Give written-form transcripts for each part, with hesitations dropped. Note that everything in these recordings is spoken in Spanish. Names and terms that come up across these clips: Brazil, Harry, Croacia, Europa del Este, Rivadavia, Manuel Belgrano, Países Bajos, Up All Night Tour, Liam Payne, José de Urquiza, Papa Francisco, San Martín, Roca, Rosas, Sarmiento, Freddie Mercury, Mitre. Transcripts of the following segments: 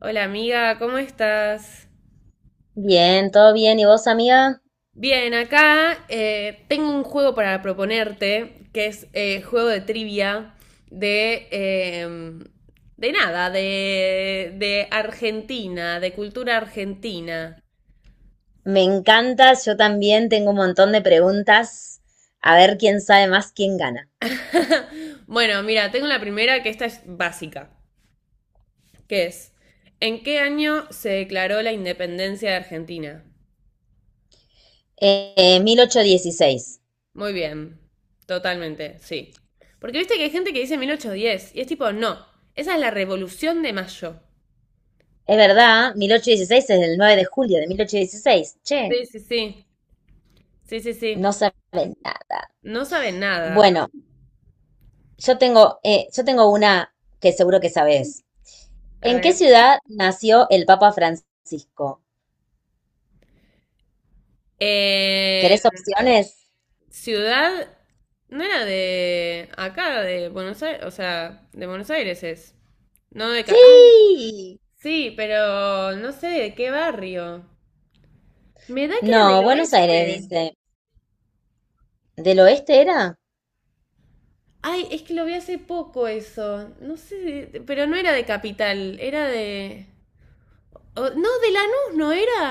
Hola amiga, ¿cómo estás? Bien, todo bien. ¿Y vos, amiga? Bien, acá tengo un juego para proponerte, que es juego de trivia de... eh, de nada, de Argentina, de cultura argentina. Me encanta, yo también tengo un montón de preguntas. A ver quién sabe más, quién gana. Bueno, mira, tengo la primera, que esta es básica, que es, ¿en qué año se declaró la independencia de Argentina? 1816. Muy bien, totalmente, sí. Porque viste que hay gente que dice 1810 y es tipo, no, esa es la revolución de mayo. Es verdad, 1816 es el 9 de julio de 1816. Che, Sí, sí, sí. Sí, sí, no sí. sabe nada. No sabe nada. Bueno, yo tengo una que seguro que sabés. A ¿En qué ver. ciudad nació el Papa Francisco? Eh, ¿Querés opciones? ciudad. No era de acá, de Buenos Aires. O sea, de Buenos Aires es. No de acá. Ah, Sí. sí, pero no sé de qué barrio. Me da que era del No, Buenos oeste. Aires dice. ¿Del oeste era? Ay, es que lo vi hace poco eso. No sé, pero no era de capital. Era de, no, de Lanús, no era.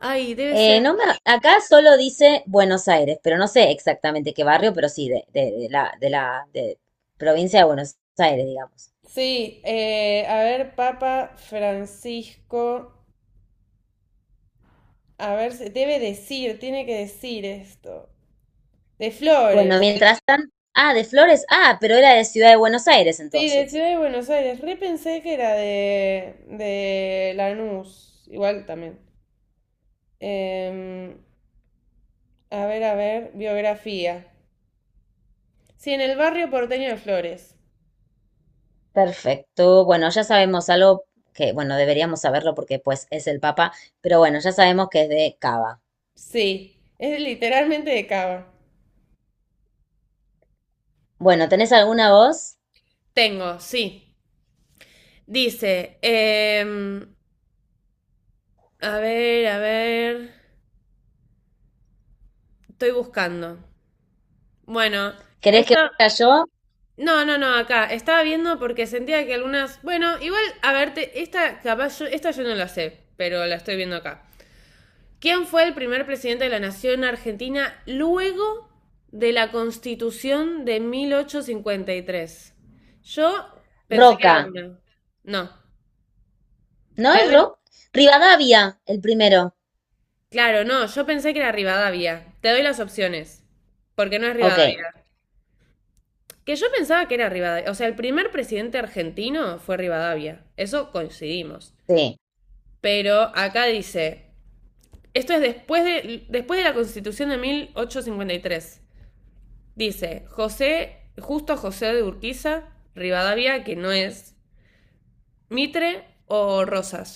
Ay, debe ser. No me, acá solo dice Buenos Aires, pero no sé exactamente qué barrio, pero sí, de la de provincia de Buenos Aires, digamos. Sí, a ver, Papa Francisco, a ver, debe decir, tiene que decir esto. De Bueno, Flores. mientras tanto, ah, de Flores, ah, pero era de Ciudad de Buenos Aires Sí, de entonces. Ciudad de Buenos Aires. Repensé que era de Lanús, igual también. Em, a ver, a ver, biografía. Sí, en el barrio porteño de Flores. Perfecto, bueno, ya sabemos algo que, bueno, deberíamos saberlo porque pues es el Papa, pero bueno, ya sabemos que es de Cava. Sí, es literalmente de Cava. Bueno, ¿tenés alguna voz? Tengo, sí. Dice, a ver, estoy buscando. Bueno, ¿Querés que esto. vaya yo? No, no, no, acá. Estaba viendo porque sentía que algunas. Bueno, igual, a verte, esta capaz yo, esta yo no la sé, pero la estoy viendo acá. ¿Quién fue el primer presidente de la nación argentina luego de la Constitución de 1853? Yo pensé que Roca, era una. No. ¿no Te es doy. Roca? Rivadavia, el primero. Claro, no, yo pensé que era Rivadavia. Te doy las opciones, porque no es Ok, Rivadavia. Que yo pensaba que era Rivadavia. O sea, el primer presidente argentino fue Rivadavia. Eso coincidimos. sí. Pero acá dice, esto es después de la constitución de mil ochocientos cincuenta y tres. Dice, José, justo José de Urquiza, Rivadavia, que no es Mitre o Rosas.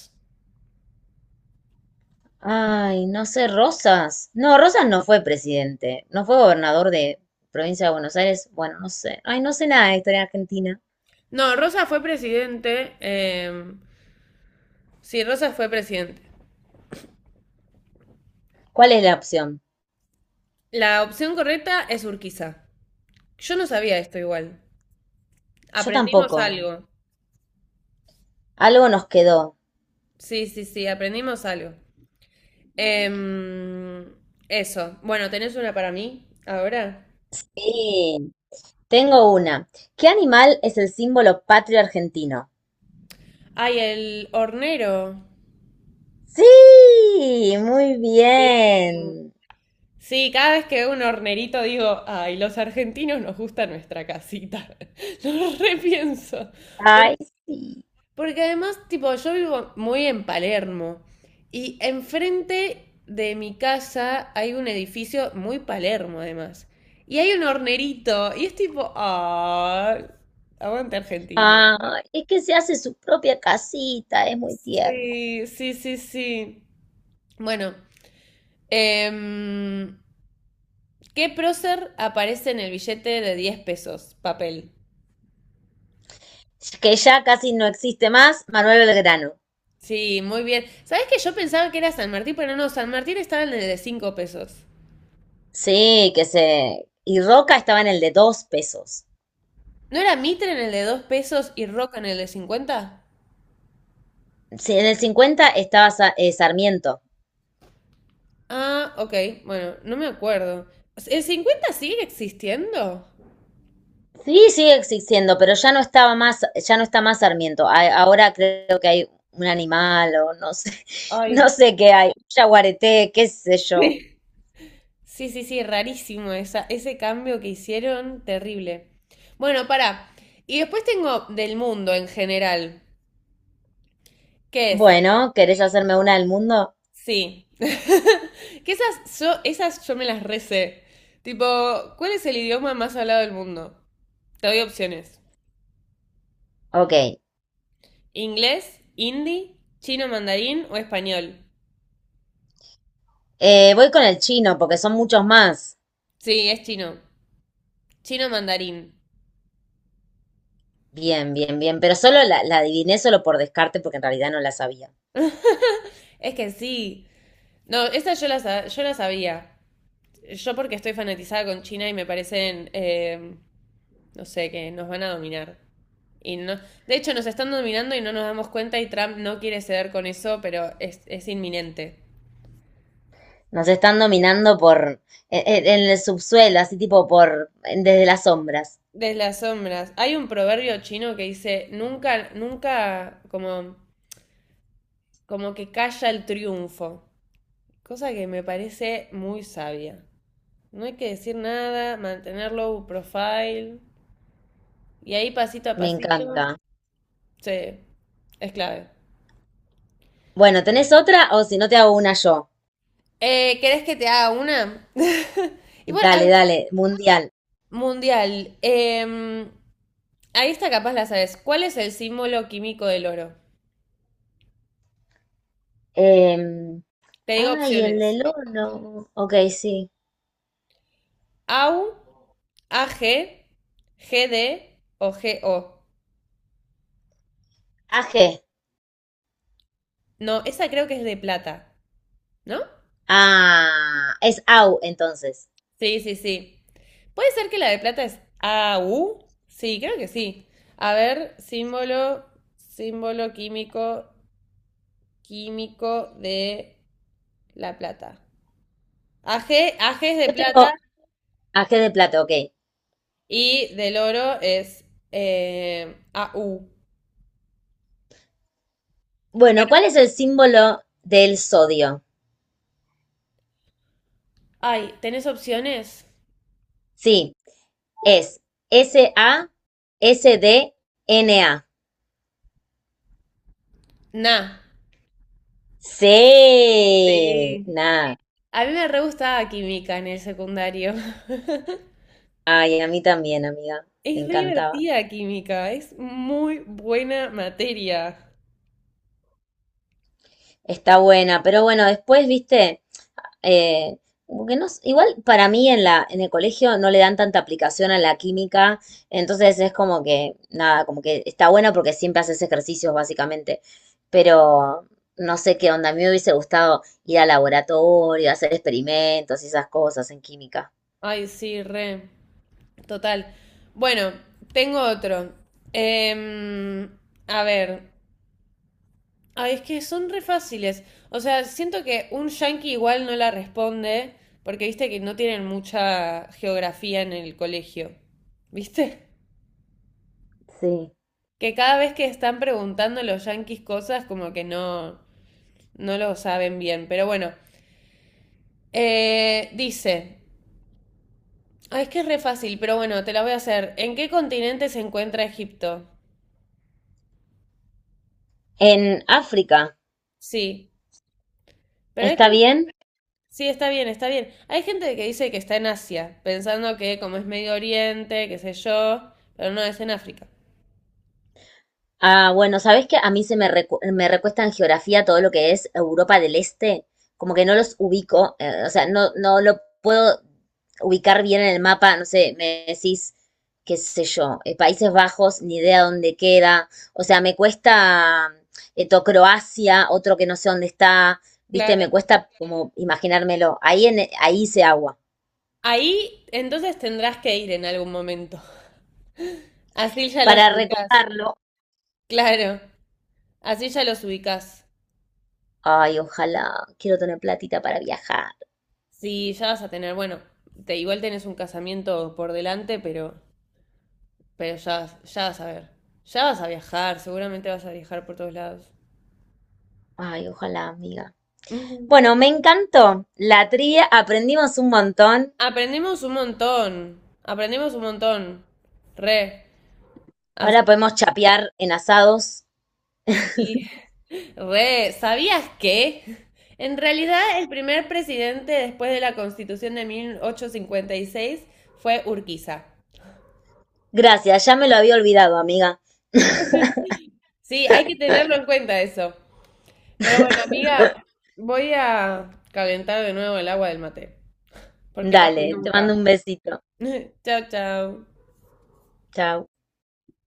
Ay, no sé, Rosas. No, Rosas no fue presidente, no fue gobernador de provincia de Buenos Aires. Bueno, no sé. Ay, no sé nada de historia argentina. No, Rosas fue presidente. Sí, Rosas fue presidente. ¿Cuál es la opción? La opción correcta es Urquiza. Yo no sabía esto igual. Yo Aprendimos tampoco. algo. Algo nos quedó. Sí, sí, sí, aprendimos algo. Em, eso. Bueno, ¿tenés una para mí ahora? Sí, tengo una. ¿Qué animal es el símbolo patrio argentino? Ay, el hornero. Sí, muy bien. Sí, cada vez que veo un hornerito digo, ay, los argentinos nos gusta nuestra casita. Lo repienso. Porque, Ay, sí. porque además, tipo, yo vivo muy en Palermo y enfrente de mi casa hay un edificio muy Palermo, además. Y hay un hornerito y es tipo, ah, aguante Argentina. Ay, es que se hace su propia casita, es muy tierno. Sí, sí, sí, sí. Bueno, em, ¿qué prócer aparece en el billete de 10 pesos? Papel. Que ya casi no existe más, Manuel Belgrano. Sí, muy bien. ¿Sabes que yo pensaba que era San Martín, pero no, San Martín estaba en el de 5 pesos. Sí, que se... y Roca estaba en el de 2 pesos. ¿No era Mitre en el de 2 pesos y Roca en el de 50? Sí, en el 50 estaba Sarmiento. Ah, ok, bueno, no me acuerdo. ¿El 50 sigue existiendo? Sí, sigue existiendo, pero ya no estaba más, ya no está más Sarmiento. Ahora creo que hay un animal o no sé, Ay, no sé qué hay, un yaguareté, qué sé yo. sí. Sí, sí, sí, rarísimo esa, ese cambio que hicieron, terrible. Bueno, para. Y después tengo del mundo en general, que es. Bueno, ¿querés hacerme una del mundo? Sí. Que esas yo me las recé. Tipo, ¿cuál es el idioma más hablado del mundo? Te doy opciones. Ok. Inglés, hindi, chino mandarín o español. Voy con el chino porque son muchos más. Sí, es chino. Chino mandarín. Bien, bien, bien. Pero solo la adiviné solo por descarte porque en realidad no la sabía. Es que sí. No, esas yo las sabía. Yo porque estoy fanatizada con China y me parecen, no sé, que nos van a dominar. Y no, de hecho, nos están dominando y no nos damos cuenta y Trump no quiere ceder con eso, pero es inminente. Nos están dominando por en el subsuelo, así tipo por desde las sombras. Desde las sombras. Hay un proverbio chino que dice, nunca, nunca, como que calla el triunfo. Cosa que me parece muy sabia. No hay que decir nada, mantener low profile. Y ahí pasito a Me pasito. encanta. Sí, es clave. Bueno, ¿tenés otra? O si no, te hago una yo. ¿Querés que te haga una? Y bueno, Dale, dale, mundial. mundial. Ahí está capaz la sabes. ¿Cuál es el símbolo químico del oro? Em, Te digo ay, el opciones. del horno. Ok, sí. Au, AG, GD o GO. AG. No, esa creo que es de plata, ¿no? Ah, es AU entonces. Sí, sí, sí. ¿Puede ser que la de plata es AU? Sí, creo que sí. A ver, símbolo químico, de la plata. AG, AG es de Yo tengo plata AG de plata, ok. y del oro es AU. Bueno, ¿cuál es el símbolo del sodio? Ay, ¿tenés opciones? Sí, es S-A-S-D-N-A. Na. Sí, Sí. nada. A mí me re gustaba química en el secundario. Ay, a mí también, amiga. Es Me re encantaba. divertida química, es muy buena materia. Está buena, pero bueno, después, viste, eh, como que no, s- igual para mí en en el colegio no le dan tanta aplicación a la química, entonces es como que, nada, como que está buena porque siempre haces ejercicios, básicamente. Pero no sé qué onda, a mí me hubiese gustado ir al laboratorio, hacer experimentos y esas cosas en química. Ay, sí, re. Total. Bueno, tengo otro. Em, a ver. Ay, es que son re fáciles. O sea, siento que un yankee igual no la responde, porque viste que no tienen mucha geografía en el colegio. ¿Viste? Sí. Que cada vez que están preguntando los yankees cosas, como que no, no lo saben bien. Pero bueno, dice. Ah, es que es re fácil, pero bueno, te la voy a hacer. ¿En qué continente se encuentra Egipto? En África, Sí, pero hay ¿está gente. bien? Sí, está bien, está bien. Hay gente que dice que está en Asia, pensando que como es Medio Oriente, qué sé yo, pero no, es en África. Ah, bueno, ¿sabes que a mí se me, recu- me recuesta en geografía todo lo que es Europa del Este, como que no los ubico, o sea, no, no lo puedo ubicar bien en el mapa, no sé, me decís, qué sé yo, Países Bajos, ni idea dónde queda, o sea, me cuesta to- Croacia, otro que no sé dónde está, viste, Claro. me cuesta como imaginármelo, ahí, en, ahí hice agua. Ahí entonces tendrás que ir en algún momento. Así ya Para los ubicás. recordarlo, Claro, así ya los ubicás. ay, ojalá, quiero tener platita para viajar, Sí, ya vas a tener, bueno, igual tenés un casamiento por delante, pero. Pero ya, ya vas a ver. Ya vas a viajar, seguramente vas a viajar por todos lados. ay, ojalá, amiga. Ujú. Bueno, me encantó la tría, aprendimos un montón. Aprendemos un montón. Aprendemos un montón. Re. Ahora podemos chapear en asados. Sí. Re, ¿sabías que? En realidad, el primer presidente después de la Constitución de 1856 fue Urquiza. Gracias, ya me lo había olvidado, amiga. Sí, hay que tenerlo en cuenta eso. Pero bueno, amiga, voy a calentar de nuevo el agua del mate, porque no fui Dale, te nunca. mando un besito. Chao, chao. Chao.